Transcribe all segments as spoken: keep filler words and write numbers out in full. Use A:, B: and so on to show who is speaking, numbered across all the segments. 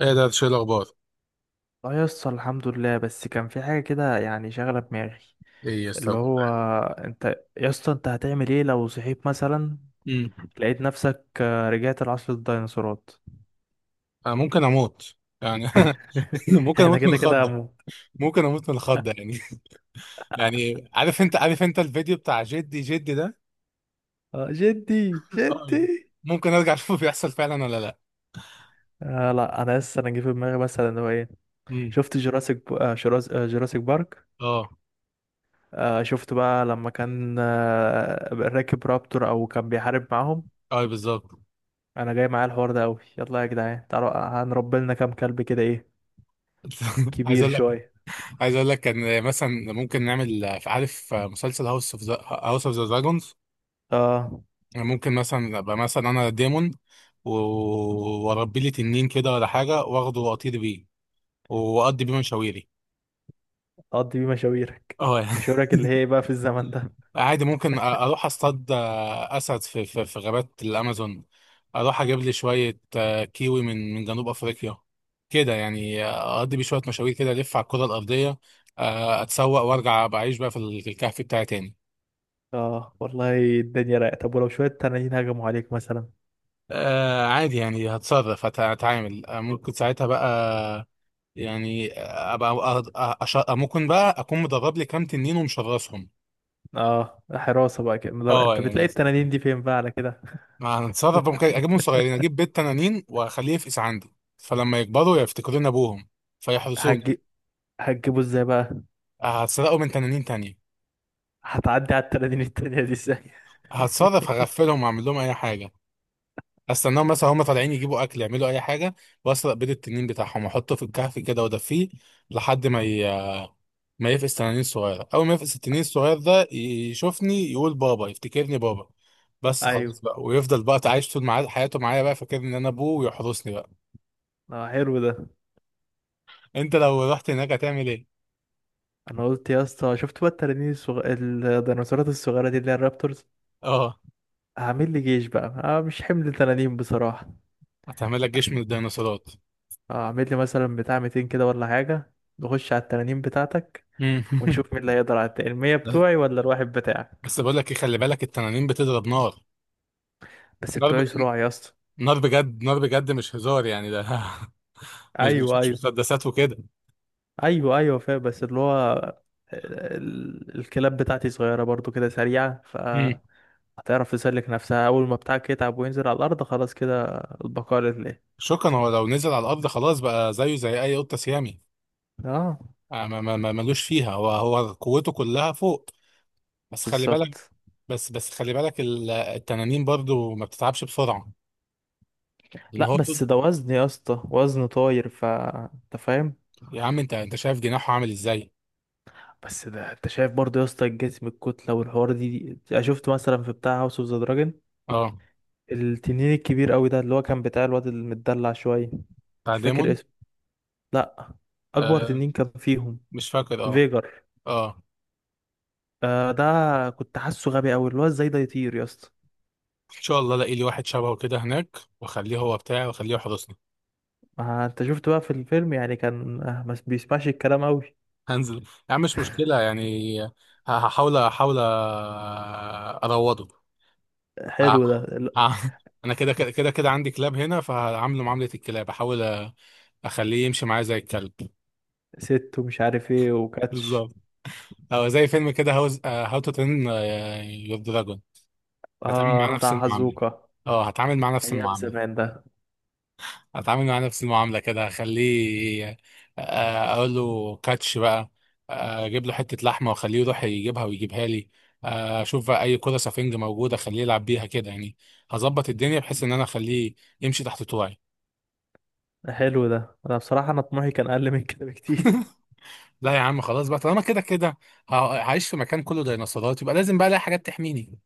A: ايه ده، شو الاخبار؟
B: اه يسطا، الحمد لله، بس كان في حاجة كده يعني شاغلة دماغي.
A: ايه يا
B: اللي
A: استاذ؟
B: هو انت يسطا، انت هتعمل ايه لو صحيت مثلا
A: امم
B: لقيت نفسك آه، رجعت لعصر الديناصورات؟
A: انا ممكن اموت يعني. ممكن
B: احنا
A: اموت من
B: كده كده
A: الخضه.
B: هموت.
A: ممكن اموت من الخضه يعني. يعني عارف، انت عارف انت الفيديو بتاع جدي جدي ده.
B: اه، جدي
A: اه،
B: جدي.
A: ممكن ارجع اشوفه بيحصل فعلا ولا لا.
B: آه لا انا لسه انا جه في دماغي مثلا اللي هو ايه.
A: امم
B: شفت جوراسيك ب... آه جوراس... آه جوراسيك بارك.
A: اه
B: آه، شفت بقى لما كان آه راكب رابتور او كان بيحارب معاهم.
A: اه، بالظبط.
B: انا جاي معايا الحوار ده قوي. يلا يا جدعان، تعالوا هنربي لنا كام كلب كده، ايه؟
A: عايز
B: كبير
A: اقول لك،
B: شوية.
A: عايز اقول لك كان مثلا ممكن نعمل، عارف مسلسل هاوس اوف ذا، هاوس اوف ذا دراجونز؟
B: اه،
A: ممكن مثلا ابقى مثلا انا ديمون، و- واربي لي تنين كده ولا حاجه، واخده واطير بيه واقضي بيه مشاويري.
B: اقضي بيه مشاويرك.
A: اه يعني.
B: مشاويرك اللي هي إيه بقى في الزمن ده؟
A: عادي ممكن أ- اروح اصطاد اسد في في, في غابات الامازون. اروح اجيب لي شويه آه، كيوي من من جنوب افريقيا. كده يعني اقضي بيه شويه مشاوير كده، الف على الكره الارضيه، آه، اتسوق وارجع بعيش بقى في ال- في الكهف بتاعي تاني.
B: اه والله، الدنيا رايقه. طب ولو شويه تنانين هجموا عليك مثلا؟
A: آه عادي يعني هتصرف، هت- هتعامل، آه، ممكن ساعتها بقى يعني آه، ابقى أ- أ- أش- ممكن بقى اكون مدرب لي كام تنين ومشرسهم.
B: اه، حراسه بقى كده مدار...
A: اه
B: انت بتلاقي
A: يعني.
B: التنانين دي فين بقى على كده؟
A: ما هنتصرف، ممكن اجيبهم صغيرين، اجيب بيت تنانين واخليه يفقس عندي. فلما يكبروا يفتكرون ابوهم فيحرسوني.
B: هتجي... هتجيبه ازاي بقى؟
A: هتسرقوا من تنانين تانية.
B: هتعدي على التنانين التانية دي ازاي؟
A: هتصرف، هغفلهم واعمل لهم اي حاجه. استناهم مثلا هم طالعين يجيبوا اكل يعملوا اي حاجه، واسرق بيض التنين بتاعهم واحطه في الكهف كده وادفيه لحد ما ي... ما يفقس تنانين صغيره. اول ما يفقس التنين الصغير ده يشوفني يقول بابا، يفتكرني بابا بس خلاص
B: ايوه.
A: بقى، ويفضل بقى عايش طول معاه- حياته معايا بقى فاكر ان انا ابوه ويحرسني بقى.
B: اه، حلو ده.
A: انت لو رحت هناك هتعمل ايه؟
B: انا قلت يا اسطى، شفت بقى التنانين الصغ... الديناصورات الصغيره دي اللي هي الرابتورز؟
A: اه
B: هعمل لي جيش بقى، آه مش حمل تنانين بصراحه.
A: هتعمل لك جيش من الديناصورات.
B: اه، اعمل لي مثلا بتاع ميتين كده ولا حاجة. نخش على التنانين بتاعتك
A: مم.
B: ونشوف مين اللي هيقدر على التاني، المية بتوعي ولا الواحد بتاعك.
A: بس بقول لك ايه، خلي بالك التنانين بتضرب نار.
B: بس
A: نار ب...
B: بتوعي صراع يا اسطى.
A: نار بجد، نار بجد، مش هزار يعني ده. مش مش
B: ايوه،
A: مش
B: ايوه.
A: مسدسات وكده.
B: ايوه، ايوه، فاهم. بس اللي هو ال- الكلاب بتاعتي صغيرة برضو كده سريعة،
A: مم.
B: فهتعرف تسلك نفسها. أول ما بتاعك يتعب وينزل على الأرض خلاص كده، البقاء لله.
A: شكرا. هو لو نزل على الارض خلاص بقى زيه زي اي قطه سيامي.
B: اه،
A: آه، ما ما ما- ملوش فيها، هو هو قوته كلها فوق. بس خلي بالك.
B: بالظبط.
A: بس بس خلي بالك ال- التنانين برضو ما بتتعبش بسرعه لان
B: لا،
A: هو طب...
B: بس ده وزن يا اسطى، وزن طاير، ف انت فاهم.
A: يا عم، انت انت شايف جناحه عامل ازاي.
B: بس ده انت شايف برضه يا اسطى الجسم، الكتله والحوار دي, دي انا شفت مثلا في بتاع هاوس اوف ذا دراجون.
A: اه
B: التنين الكبير قوي ده اللي هو كان بتاع الواد المدلع شويه.
A: بتاع
B: مش فاكر
A: ديمون.
B: اسمه. لا، اكبر
A: آه،
B: تنين كان فيهم،
A: مش فاكر. اه
B: فيجر.
A: اه.
B: آه، ده. كنت حاسه غبي قوي اللي هو ازاي ده يطير يا اسطى.
A: ان شاء الله الاقي لي واحد شبهه كده هناك، واخليه هو بتاعي واخليه يحرسني.
B: ما انت شفت بقى في الفيلم، يعني كان آه ما بيسمعش الكلام قوي.
A: هنزل. يا عم مش مشكله يعني. ه- هحاول، احاول اروضه. ه-
B: حلو ده ال-
A: ه- انا كده كده كده كده عندي كلاب هنا، فهعامله معامله الكلاب. احاول اخليه يمشي معايا زي الكلب.
B: ست ومش عارف ايه وكاتش.
A: بالظبط. او زي فيلم كده هاوز، هاو تو ترين يور دراجون. هتعامل
B: اه،
A: معاه نفس
B: بتاع
A: المعامله.
B: هازوكا.
A: اه هتعامل معاه نفس
B: ايام
A: المعامله.
B: زمان ده.
A: اتعامل مع نفس المعامله كده، اخليه آه، اقول له كاتش بقى، آه، اجيب له حته لحمه واخليه يروح يجيبها ويجيبها لي، آه، اشوف بقى اي كره سفنج موجوده اخليه يلعب بيها كده يعني. هظبط الدنيا بحيث ان انا اخليه يمشي تحت طوعي.
B: حلو ده. انا بصراحه انا طموحي كان اقل من كده بكتير.
A: لا يا عم، خلاص بقى، طالما كده كده ه- هعيش في مكان كله ديناصورات، يبقى لازم بقى الاقي حاجات تحميني.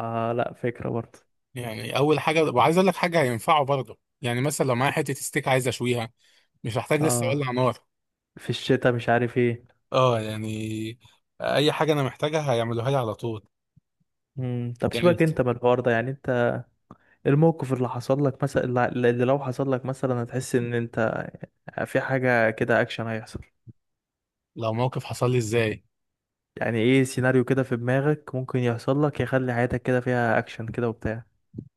B: اه، لا فكرة برضه.
A: يعني اول حاجه، وعايز اقول لك حاجه هينفعه برضه، يعني مثلا لو معايا حته ستيك عايز اشويها، مش هحتاج لسه
B: اه،
A: اولع نار.
B: في الشتاء، مش عارف ايه.
A: اه يعني. اي حاجه انا محتاجها هيعملوها لي على طول.
B: مم. طب
A: يعني
B: سيبك انت من الحوار ده، يعني انت إيه الموقف اللي حصل لك مثلا، اللي اللي لو حصل لك مثلا هتحس ان انت في حاجة كده اكشن هيحصل؟
A: لو موقف حصل لي ازاي؟
B: يعني ايه سيناريو كده في دماغك ممكن يحصل لك يخلي حياتك كده فيها اكشن كده وبتاع؟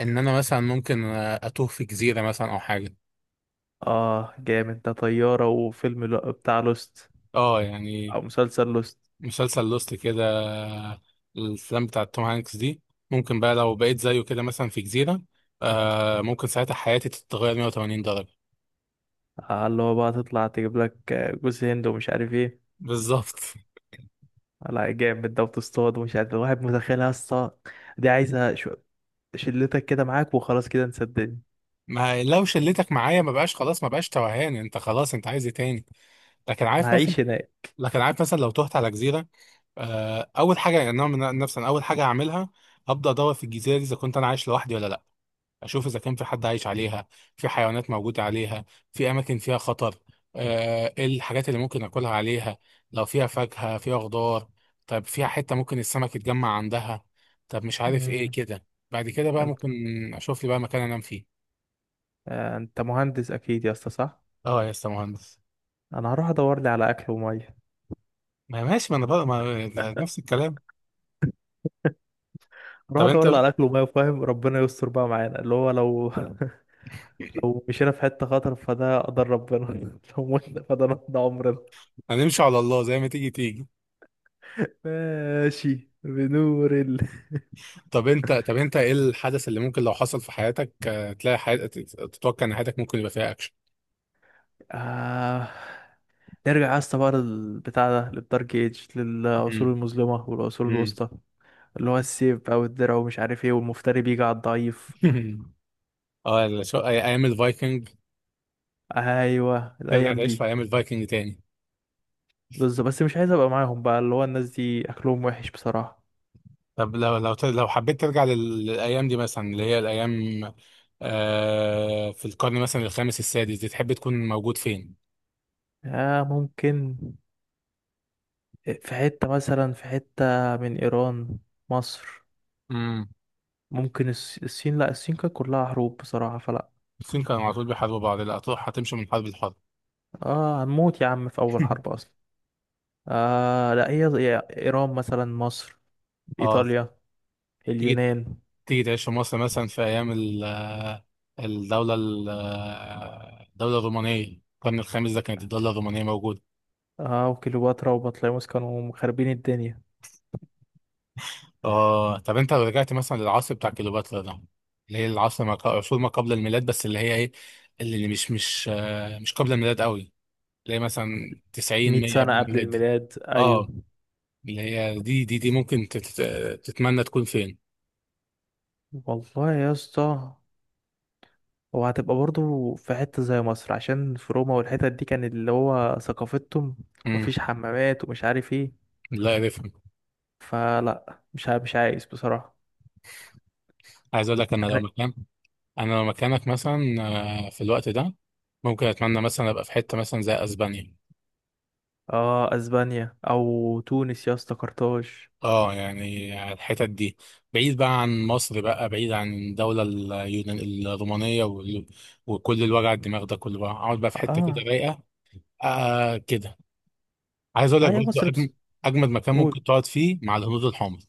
A: ان انا مثلا ممكن اتوه في جزيره مثلا او حاجه.
B: اه، جامد ده، طيارة وفيلم لو- بتاع لوست،
A: اه يعني.
B: او مسلسل لوست.
A: مسلسل لوست كده، الافلام بتاعت توم هانكس دي. ممكن بقى لو بقيت زيه كده مثلا في جزيره، آه ممكن ساعتها حياتي تتغير مية وتمانين درجه.
B: آه، اللي هو بقى تطلع تجيب لك جوز هند ومش عارف ايه.
A: بالظبط.
B: لا جامد ده، وتصطاد ومش عارف. الواحد متخيلها، الصا دي عايزة شو، شلتك كده معاك وخلاص كده، نصدقني
A: ما لو شلتك معايا ما بقاش خلاص، ما بقاش توهان انت خلاص، انت عايز ايه تاني؟ لكن
B: انا
A: عارف مثلا،
B: هعيش هناك.
A: لكن عارف مثلا لو تهت على جزيره، آه اول حاجه يعني انا من نفسي، أنا اول حاجه هعملها هبدا ادور في الجزيره دي اذا كنت انا عايش لوحدي ولا لا. اشوف اذا كان في حد عايش عليها، في حيوانات موجوده عليها، في اماكن فيها خطر، آه، ايه الحاجات اللي ممكن اكلها عليها، لو فيها فاكهه فيها خضار، طب فيها حته ممكن السمك يتجمع عندها، طب مش عارف ايه
B: امم،
A: كده. بعد كده بقى
B: انت
A: ممكن اشوف لي بقى مكان انام فيه.
B: آه، انت مهندس اكيد يا اسطى، صح؟
A: اه يا اسطى مهندس.
B: انا هروح ادور لي على اكل وميه.
A: ما ماشي، ما انا بقى ما ده نفس الكلام.
B: هروح
A: طب انت،
B: ادور لي على اكل وميه فاهم، ربنا يستر بقى معانا اللي هو لو لو مشينا في حته خطر فده قدر ربنا. لو متنا فده نقضي عمرنا.
A: هنمشي على الله زي ما تيجي تيجي.
B: ماشي بنور ال.
A: طب انت، طب انت ايه الحدث اللي ممكن لو حصل في حياتك آه، تلاقي حياتك، تتوقع ان حياتك ممكن يبقى فيها اكشن؟
B: آه... نرجع يا اسطى بقى للبتاع ده، للدارك ايج، للعصور
A: امم
B: المظلمه والعصور الوسطى، اللي هو السيف او الدرع ومش عارف ايه، والمفتري بيجي على الضعيف.
A: امم اه ال- شو- أي- ايام الفايكنج؟
B: ايوه،
A: ترجع
B: الايام
A: تعيش في
B: دي.
A: ايام الفايكنج تاني؟
B: بالظبط، بس مش عايز ابقى معاهم بقى، اللي هو الناس دي اكلهم وحش بصراحه.
A: طب لو لو ت- لو حبيت ترجع لل- للايام دي، مثلا اللي هي الايام آه في القرن مثلا الخامس السادس دي، تحب تكون موجود فين؟
B: آه ممكن في حته مثلا، في حته من ايران، مصر.
A: امم.
B: ممكن الس- الصين. لا، الصين كانت كلها حروب بصراحه، فلا.
A: الصين كانوا على طول بيحاربوا بعض، لا هتروح هتمشي من حرب لحرب.
B: اه، هنموت يا عم في اول حرب اصلا. آه لا، هي هي ايران مثلا، مصر،
A: اه.
B: ايطاليا،
A: تيجي
B: اليونان.
A: تيجي تعيش في مصر مثلا في ايام ال- آه، الدولة ال- آه، الدولة الرومانية. القرن الخامس ده كانت الدولة الرومانية موجودة.
B: اه، وكليوباترا وبطليموس كانوا خاربين الدنيا.
A: اه، طب انت لو رجعت مثلا للعصر بتاع كليوباترا ده، اللي هي العصر ما ق- عصور ما قبل الميلاد، بس اللي هي ايه، اللي اللي مش مش آه مش قبل الميلاد قوي، اللي هي مثلا تسعين
B: مئة
A: مية قبل
B: سنة قبل
A: الميلاد دي.
B: الميلاد، أيوة.
A: اه، اللي هي دي دي دي ممكن تت- تتمنى تكون فين.
B: والله يا اسطى، وهتبقى برضو في حتة زي مصر، عشان في روما والحتت دي كان اللي هو ثقافتهم. مفيش
A: امم.
B: حمامات ومش عارف ايه،
A: لا اعرفها.
B: فلا مش ع- مش عايز بصراحة.
A: عايز اقول لك انا لو
B: انا،
A: مكان، انا لو مكانك مثلا آه، في الوقت ده، ممكن اتمنى مثلا ابقى في حته مثلا زي اسبانيا.
B: اه، اسبانيا او تونس يا اسطى، قرطاج.
A: اه يعني الحتت دي، بعيد بقى عن مصر، بقى بعيد عن الدولة اليونان الرومانية وال- وكل الوجع الدماغ ده كله، بقى اقعد بقى في حتة كده
B: اه.
A: رايقة. آه كده. عايز اقول
B: اه
A: لك
B: يا
A: برضه
B: مصر
A: أجم-
B: بس.
A: اجمد مكان
B: قول.
A: ممكن تقعد فيه، مع الهنود الحمر.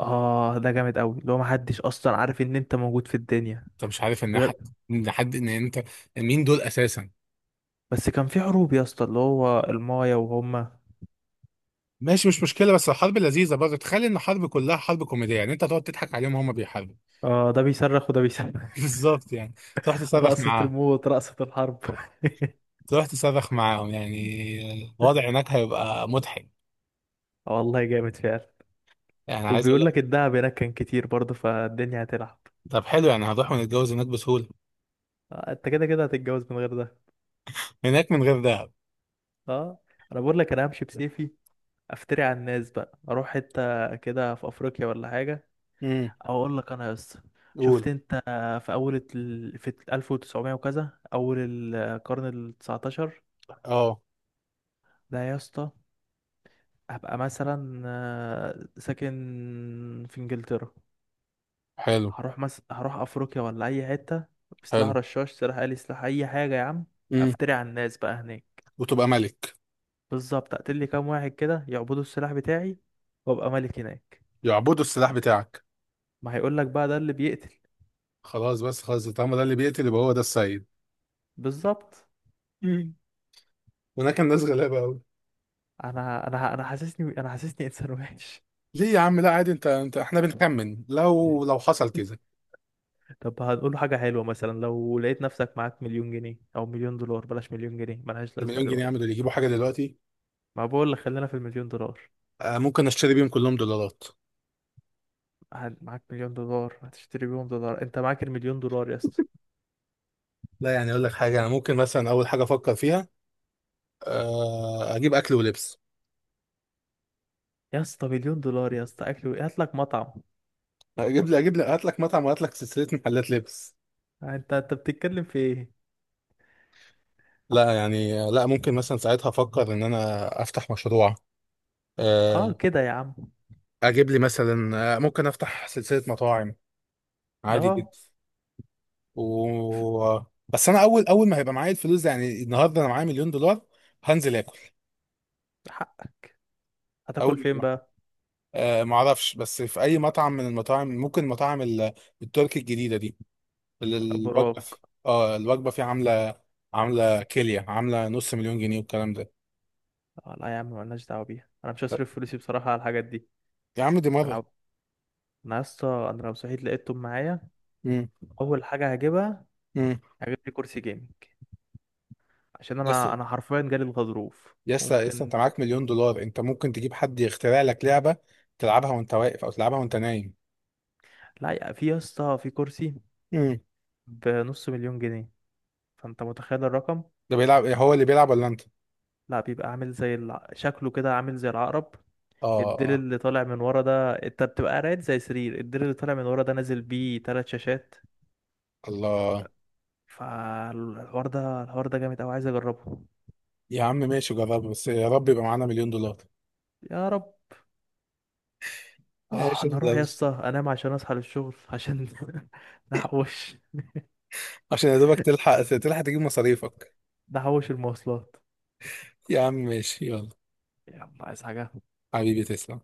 B: اه، ده جامد قوي اللي هو محدش اصلا عارف ان انت موجود في الدنيا
A: انت مش عارف ان
B: غير-
A: حد، ان حد ان انت مين، دول اساسا؟
B: بس كان في حروب يا اسطى، اللي هو المايا وهما.
A: ماشي مش مشكلة، بس الحرب لذيذة برضه، تخيل ان الحرب كلها حرب كوميدية، يعني انت تقعد تضحك عليهم وهم بيحاربوا.
B: اه، ده بيصرخ وده بيصرخ.
A: بالظبط يعني. تروح تصرخ
B: رقصة
A: معاهم.
B: الموت، رقصة الحرب.
A: تروح تصرخ معاهم يعني الوضع هناك هيبقى مضحك.
B: والله جامد فعلا.
A: يعني عايز اقول
B: وبيقول
A: لك،
B: لك الدهب هناك كان كتير برضه، فالدنيا هتلعب.
A: طب حلو يعني هنروح ونتجوز هناك بسهولة.
B: آه، انت كده كده هتتجوز من غير ده.
A: هناك من غير دهب.
B: اه، انا بقول لك، انا همشي بسيفي. افتري على الناس بقى، اروح حته كده في افريقيا ولا حاجه.
A: امم.
B: او اقول لك انا يا اسطى، شفت
A: قول.
B: انت في اول ال... في ألف وتسعمية وكذا، اول القرن ال التاسع عشر
A: اه
B: ده يا اسطى، هبقى مثلا آه، ساكن في انجلترا،
A: حلو،
B: هروح مس... هروح افريقيا ولا اي حته بسلاح
A: حلو.
B: رشاش، سلاح آلي، سلاح اي حاجه يا عم.
A: امم.
B: افتري على الناس بقى هناك.
A: وتبقى ملك.
B: بالظبط، اقتل لي كام واحد كده يعبدوا السلاح بتاعي، وابقى ملك هناك.
A: يعبدوا السلاح بتاعك.
B: ما هيقول لك بقى ده اللي بيقتل.
A: خلاص بس، خلاص، طالما ده اللي بيقتل يبقى هو ده السيد.
B: بالظبط.
A: امم. هناك الناس غلابة قوي.
B: انا انا انا حاسسني انا حاسسني انسان وحش.
A: ليه يا عم؟ لا عادي، انت انت احنا بنخمن، لو لو حصل كذا.
B: طب هنقول له حاجه حلوه، مثلا لو لقيت نفسك معاك مليون جنيه او مليون دولار، بلاش مليون جنيه ملهاش لازمه
A: المليون جنيه يعملوا
B: دلوقتي.
A: اللي يجيبوا حاجة دلوقتي.
B: ما بقول لك خلينا في المليون دولار.
A: آه، ممكن اشتري بيهم كلهم دولارات.
B: هل- معاك مليون دولار هتشتري بيهم دولار؟ انت معاك المليون دولار يا اسطى.
A: لا يعني اقول لك حاجة، انا ممكن مثلا اول حاجة افكر فيها، آه اجيب اكل ولبس.
B: يا اسطى، مليون دولار يا اسطى، اكل و- هات لك مطعم.
A: اجيب لي اجيب لي هات لك مطعم وهات لك سلسلة محلات لبس.
B: انت انت بتتكلم في ايه؟
A: لا يعني، لا ممكن مثلا ساعتها افكر ان انا افتح مشروع
B: اه،
A: آه،
B: كده يا عم.
A: اجيب لي مثلا آه، ممكن افتح سلسله مطاعم. عادي
B: اه،
A: جدا. و، بس انا اول، اول ما هيبقى معايا الفلوس دي، يعني النهارده انا معايا مليون دولار، هنزل اكل.
B: هتاكل
A: اول
B: فين
A: ما
B: بقى؟
A: أه ما اعرفش بس في اي مطعم من المطاعم، ممكن مطاعم ال- التركي الجديده دي، ال-
B: ابو
A: الوجبه
B: راك.
A: في- اه الوجبه فيه عامله، عامله كيليا، عامله نص مليون جنيه والكلام ده.
B: آه لا يا عم، مالناش دعوه بيها، انا مش
A: طب،
B: هصرف فلوسي بصراحه على الحاجات دي.
A: يا عم دي
B: انا
A: مره.
B: عب... انا يا اسطى، انا لو صحيت لقيتهم معايا،
A: امم.
B: اول حاجه هجيبها
A: امم
B: هجيب لي كرسي جيمنج، عشان
A: بس
B: انا انا حرفيا جالي الغضروف
A: يسا يسا، انت
B: ممكن.
A: معاك مليون دولار، انت ممكن تجيب حد يخترع لك لعبة تلعبها وانت واقف او تلعبها وانت نايم.
B: لا يا- في يا اسطى، في كرسي
A: امم.
B: بنص مليون جنيه، فانت متخيل الرقم.
A: ده بيلعب، هو اللي بيلعب ولا انت؟
B: لا، بيبقى عامل زي الع... شكله كده عامل زي العقرب،
A: اه،
B: الديل
A: اه.
B: اللي طالع من ورا ده، انت بتبقى قاعد زي سرير، الديل اللي طالع من ورا ده نازل بيه تلات شاشات.
A: الله.
B: فالحوار ده، الحوار ده جامد قوي، عايز اجربه.
A: يا عم ماشي، جرب، بس يا رب يبقى معانا مليون دولار.
B: يا رب. اه،
A: ماشي
B: انا
A: ده.
B: اروح يا اسطى انام عشان اصحى للشغل، عشان نحوش.
A: عشان يا دوبك تلحق، تلحق تجيب مصاريفك.
B: نحوش المواصلات.
A: يا عم ماشي، يلا.
B: يلا، عايز حاجة؟
A: حبيبي تسلم.